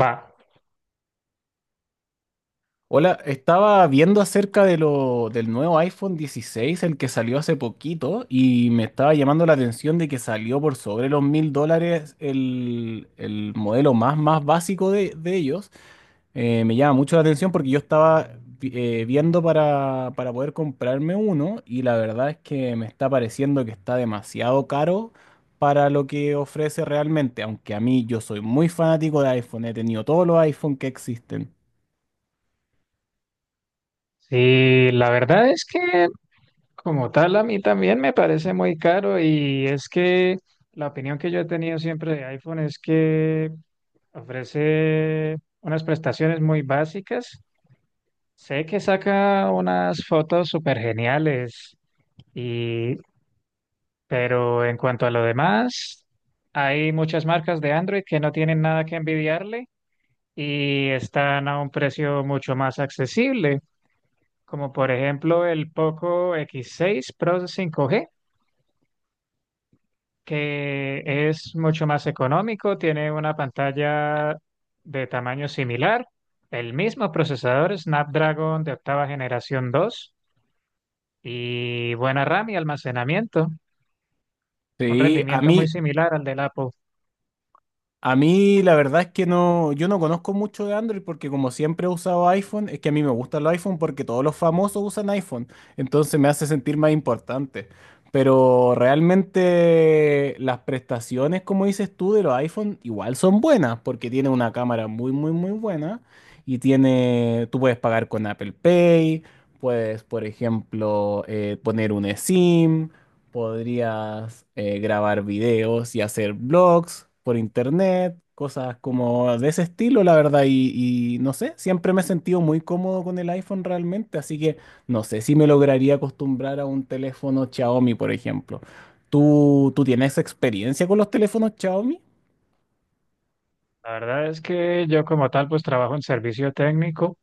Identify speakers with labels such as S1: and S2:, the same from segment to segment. S1: Va,
S2: Hola, estaba viendo acerca de del nuevo iPhone 16, el que salió hace poquito, y me estaba llamando la atención de que salió por sobre los $1000 el modelo más básico de ellos. Me llama mucho la atención porque yo estaba viendo para poder comprarme uno, y la verdad es que me está pareciendo que está demasiado caro para lo que ofrece realmente, aunque a mí yo soy muy fanático de iPhone, he tenido todos los iPhone que existen.
S1: sí, la verdad es que como tal a mí también me parece muy caro, y es que la opinión que yo he tenido siempre de iPhone es que ofrece unas prestaciones muy básicas. Sé que saca unas fotos súper geniales y, pero en cuanto a lo demás, hay muchas marcas de Android que no tienen nada que envidiarle y están a un precio mucho más accesible. Como por ejemplo el Poco X6 Pro 5G, que es mucho más económico, tiene una pantalla de tamaño similar, el mismo procesador Snapdragon de octava generación 2 y buena RAM y almacenamiento, un
S2: Sí, a
S1: rendimiento muy
S2: mí,
S1: similar al del Apple.
S2: A mí la verdad es que no, yo no conozco mucho de Android porque como siempre he usado iPhone, es que a mí me gusta el iPhone porque todos los famosos usan iPhone, entonces me hace sentir más importante. Pero realmente las prestaciones, como dices tú, de los iPhone igual son buenas porque tiene una cámara muy, muy, muy buena y tiene, tú puedes pagar con Apple Pay, puedes, por ejemplo, poner un eSIM. Podrías grabar videos y hacer blogs por internet, cosas como de ese estilo, la verdad. Y no sé, siempre me he sentido muy cómodo con el iPhone realmente, así que no sé si me lograría acostumbrar a un teléfono Xiaomi, por ejemplo. ¿Tú tienes experiencia con los teléfonos Xiaomi?
S1: La verdad es que yo como tal pues trabajo en servicio técnico.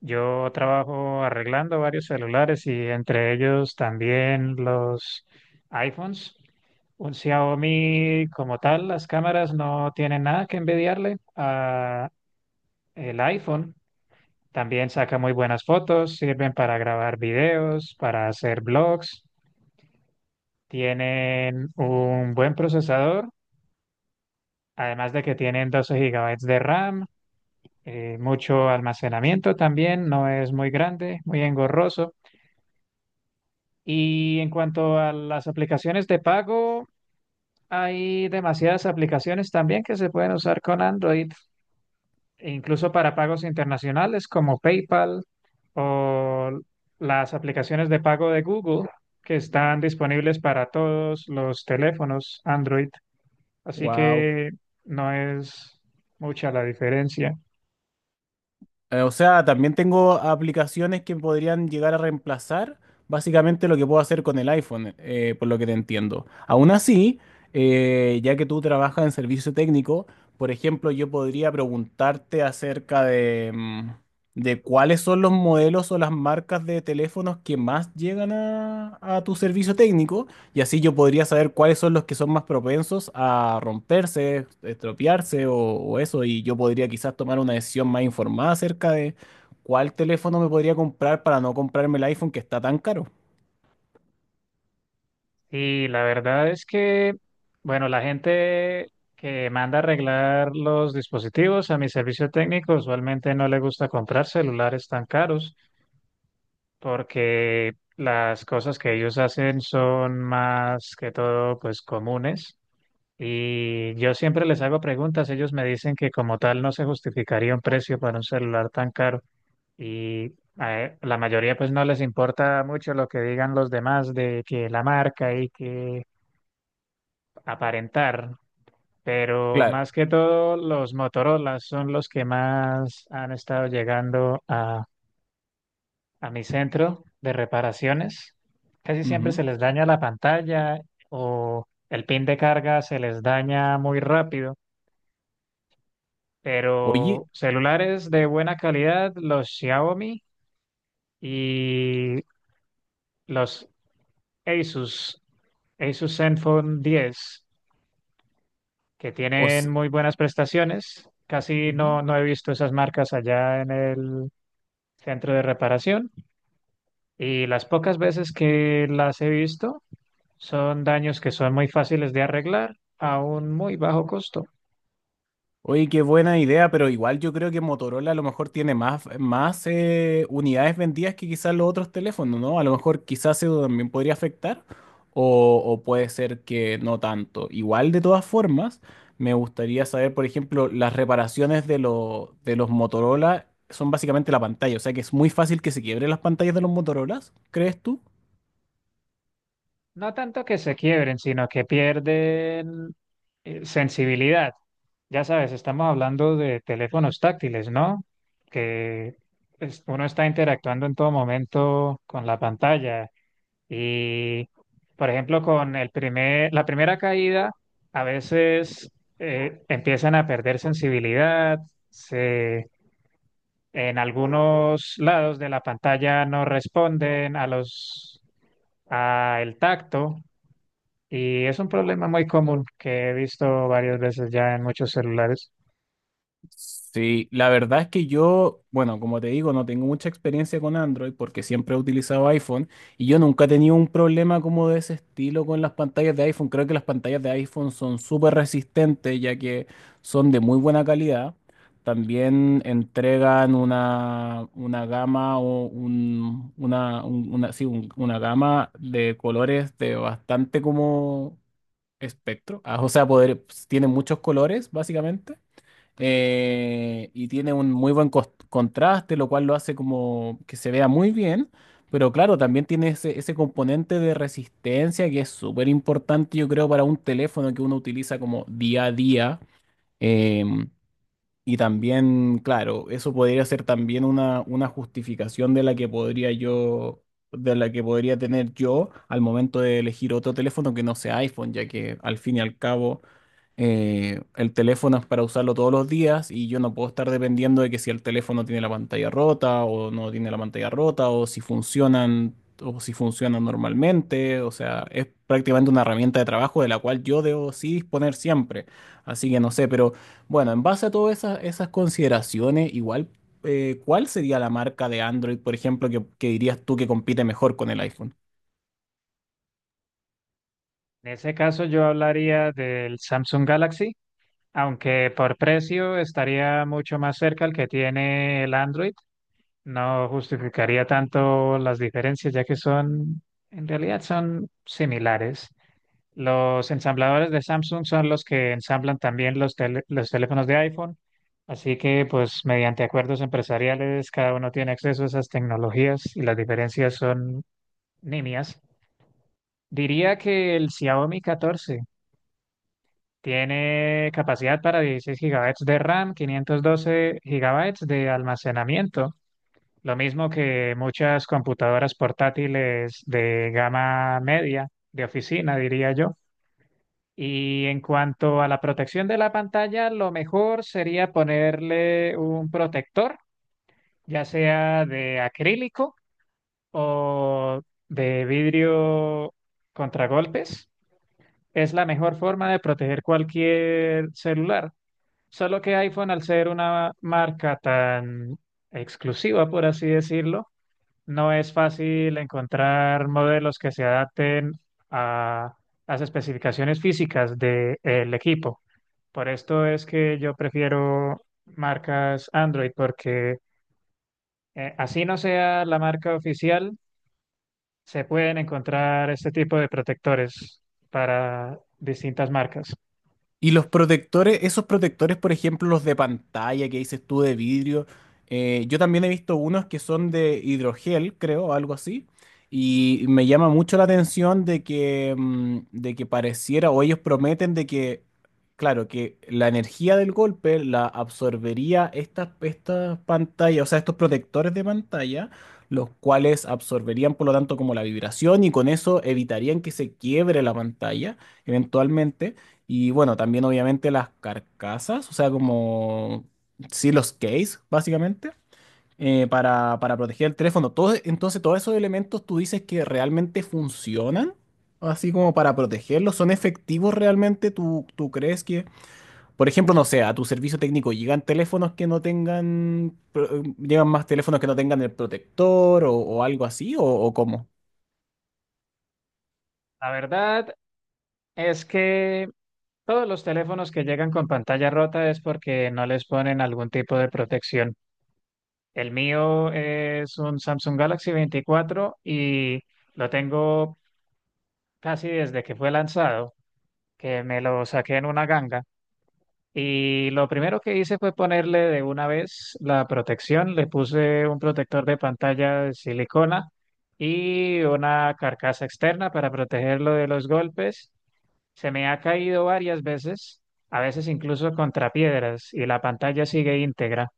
S1: Yo trabajo arreglando varios celulares y entre ellos también los iPhones. Un Xiaomi como tal, las cámaras no tienen nada que envidiarle a el iPhone. También saca muy buenas fotos, sirven para grabar videos, para hacer blogs. Tienen un buen procesador, además de que tienen 12 gigabytes de RAM, mucho almacenamiento también, no es muy grande, muy engorroso. Y en cuanto a las aplicaciones de pago, hay demasiadas aplicaciones también que se pueden usar con Android, e incluso para pagos internacionales como PayPal o las aplicaciones de pago de Google, que están disponibles para todos los teléfonos Android. Así
S2: Wow.
S1: que no es mucha la diferencia.
S2: O sea, también tengo aplicaciones que podrían llegar a reemplazar básicamente lo que puedo hacer con el iPhone, por lo que te entiendo. Aún así, ya que tú trabajas en servicio técnico, por ejemplo, yo podría preguntarte acerca de de cuáles son los modelos o las marcas de teléfonos que más llegan a tu servicio técnico y así yo podría saber cuáles son los que son más propensos a romperse, estropearse o eso. Y yo podría quizás tomar una decisión más informada acerca de cuál teléfono me podría comprar para no comprarme el iPhone que está tan caro.
S1: Y la verdad es que, bueno, la gente que manda a arreglar los dispositivos a mi servicio técnico usualmente no le gusta comprar celulares tan caros, porque las cosas que ellos hacen son más que todo pues comunes. Y yo siempre les hago preguntas, ellos me dicen que como tal no se justificaría un precio para un celular tan caro. Y la mayoría pues no les importa mucho lo que digan los demás de que la marca y que aparentar, pero
S2: Claro.
S1: más que todo los Motorola son los que más han estado llegando a mi centro de reparaciones. Casi siempre se
S2: Ujú.
S1: les daña la pantalla o el pin de carga se les daña muy rápido,
S2: Oye,
S1: pero celulares de buena calidad, los Xiaomi y los Asus, Asus Zenfone 10, que
S2: o
S1: tienen
S2: s-
S1: muy buenas prestaciones. Casi
S2: ujú.
S1: no, no he visto esas marcas allá en el centro de reparación, y las pocas veces que las he visto son daños que son muy fáciles de arreglar a un muy bajo costo.
S2: Oye, qué buena idea, pero igual yo creo que Motorola a lo mejor tiene más unidades vendidas que quizás los otros teléfonos, ¿no? A lo mejor quizás eso también podría afectar o puede ser que no tanto. Igual de todas formas, me gustaría saber, por ejemplo, las reparaciones de los Motorola son básicamente la pantalla, o sea que es muy fácil que se quiebren las pantallas de los Motorolas, ¿crees tú?
S1: No tanto que se quiebren, sino que pierden sensibilidad. Ya sabes, estamos hablando de teléfonos táctiles, ¿no? Que uno está interactuando en todo momento con la pantalla. Y, por ejemplo, con la primera caída, a veces empiezan a perder sensibilidad, se, en algunos lados de la pantalla no responden a los, a el tacto, y es un problema muy común que he visto varias veces ya en muchos celulares.
S2: Sí, la verdad es que yo, bueno, como te digo, no tengo mucha experiencia con Android porque siempre he utilizado iPhone y yo nunca he tenido un problema como de ese estilo con las pantallas de iPhone. Creo que las pantallas de iPhone son súper resistentes ya que son de muy buena calidad. También entregan una gama o una gama de colores de bastante como espectro. Ah, o sea, poder, tienen muchos colores, básicamente y tiene un muy buen contraste, lo cual lo hace como que se vea muy bien, pero claro, también tiene ese componente de resistencia que es súper importante, yo creo, para un teléfono que uno utiliza como día a día. em, y también, claro, eso podría ser también una justificación de la que podría yo, de la que podría tener yo al momento de elegir otro teléfono que no sea iPhone, ya que al fin y al cabo el teléfono es para usarlo todos los días y yo no puedo estar dependiendo de que si el teléfono tiene la pantalla rota o no tiene la pantalla rota o si funcionan normalmente. O sea, es prácticamente una herramienta de trabajo de la cual yo debo sí disponer siempre. Así que no sé, pero bueno, en base a todas esas consideraciones, igual, ¿cuál sería la marca de Android, por ejemplo, que dirías tú que compite mejor con el iPhone?
S1: En ese caso, yo hablaría del Samsung Galaxy, aunque por precio estaría mucho más cerca el que tiene el Android. No justificaría tanto las diferencias, ya que son, en realidad son similares. Los ensambladores de Samsung son los que ensamblan también los teléfonos de iPhone, así que pues mediante acuerdos empresariales cada uno tiene acceso a esas tecnologías y las diferencias son nimias. Diría que el Xiaomi 14 tiene capacidad para 16 gigabytes de RAM, 512 gigabytes de almacenamiento. Lo mismo que muchas computadoras portátiles de gama media, de oficina, diría yo. Y en cuanto a la protección de la pantalla, lo mejor sería ponerle un protector, ya sea de acrílico o de vidrio contragolpes. Es la mejor forma de proteger cualquier celular. Solo que iPhone, al ser una marca tan exclusiva, por así decirlo, no es fácil encontrar modelos que se adapten a las especificaciones físicas del equipo. Por esto es que yo prefiero marcas Android, porque así no sea la marca oficial, se pueden encontrar este tipo de protectores para distintas marcas.
S2: Y los protectores, esos protectores, por ejemplo, los de pantalla que dices tú de vidrio, yo también he visto unos que son de hidrogel, creo, algo así. Y me llama mucho la atención de que de que pareciera, o ellos prometen de que, claro, que la energía del golpe la absorbería estas pantallas, o sea, estos protectores de pantalla, los cuales absorberían, por lo tanto, como la vibración y con eso evitarían que se quiebre la pantalla eventualmente. Y bueno, también obviamente las carcasas, o sea, como sí, los case, básicamente, para proteger el teléfono. Todo, entonces, todos esos elementos tú dices que realmente funcionan, así como para protegerlos, ¿son efectivos realmente? ¿Tú crees que, por ejemplo, no sé, a tu servicio técnico llegan teléfonos que no tengan, llegan más teléfonos que no tengan el protector o algo así, o cómo?
S1: La verdad es que todos los teléfonos que llegan con pantalla rota es porque no les ponen algún tipo de protección. El mío es un Samsung Galaxy 24, y lo tengo casi desde que fue lanzado, que me lo saqué en una ganga. Y lo primero que hice fue ponerle de una vez la protección. Le puse un protector de pantalla de silicona y una carcasa externa para protegerlo de los golpes. Se me ha caído varias veces, a veces incluso contra piedras, y la pantalla sigue íntegra.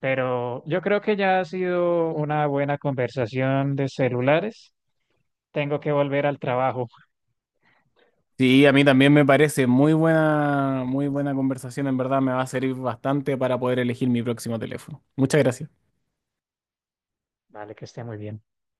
S1: Pero yo creo que ya ha sido una buena conversación de celulares. Tengo que volver al trabajo.
S2: Sí, a mí también me parece muy buena conversación. En verdad me va a servir bastante para poder elegir mi próximo teléfono. Muchas gracias.
S1: Vale, que esté muy bien.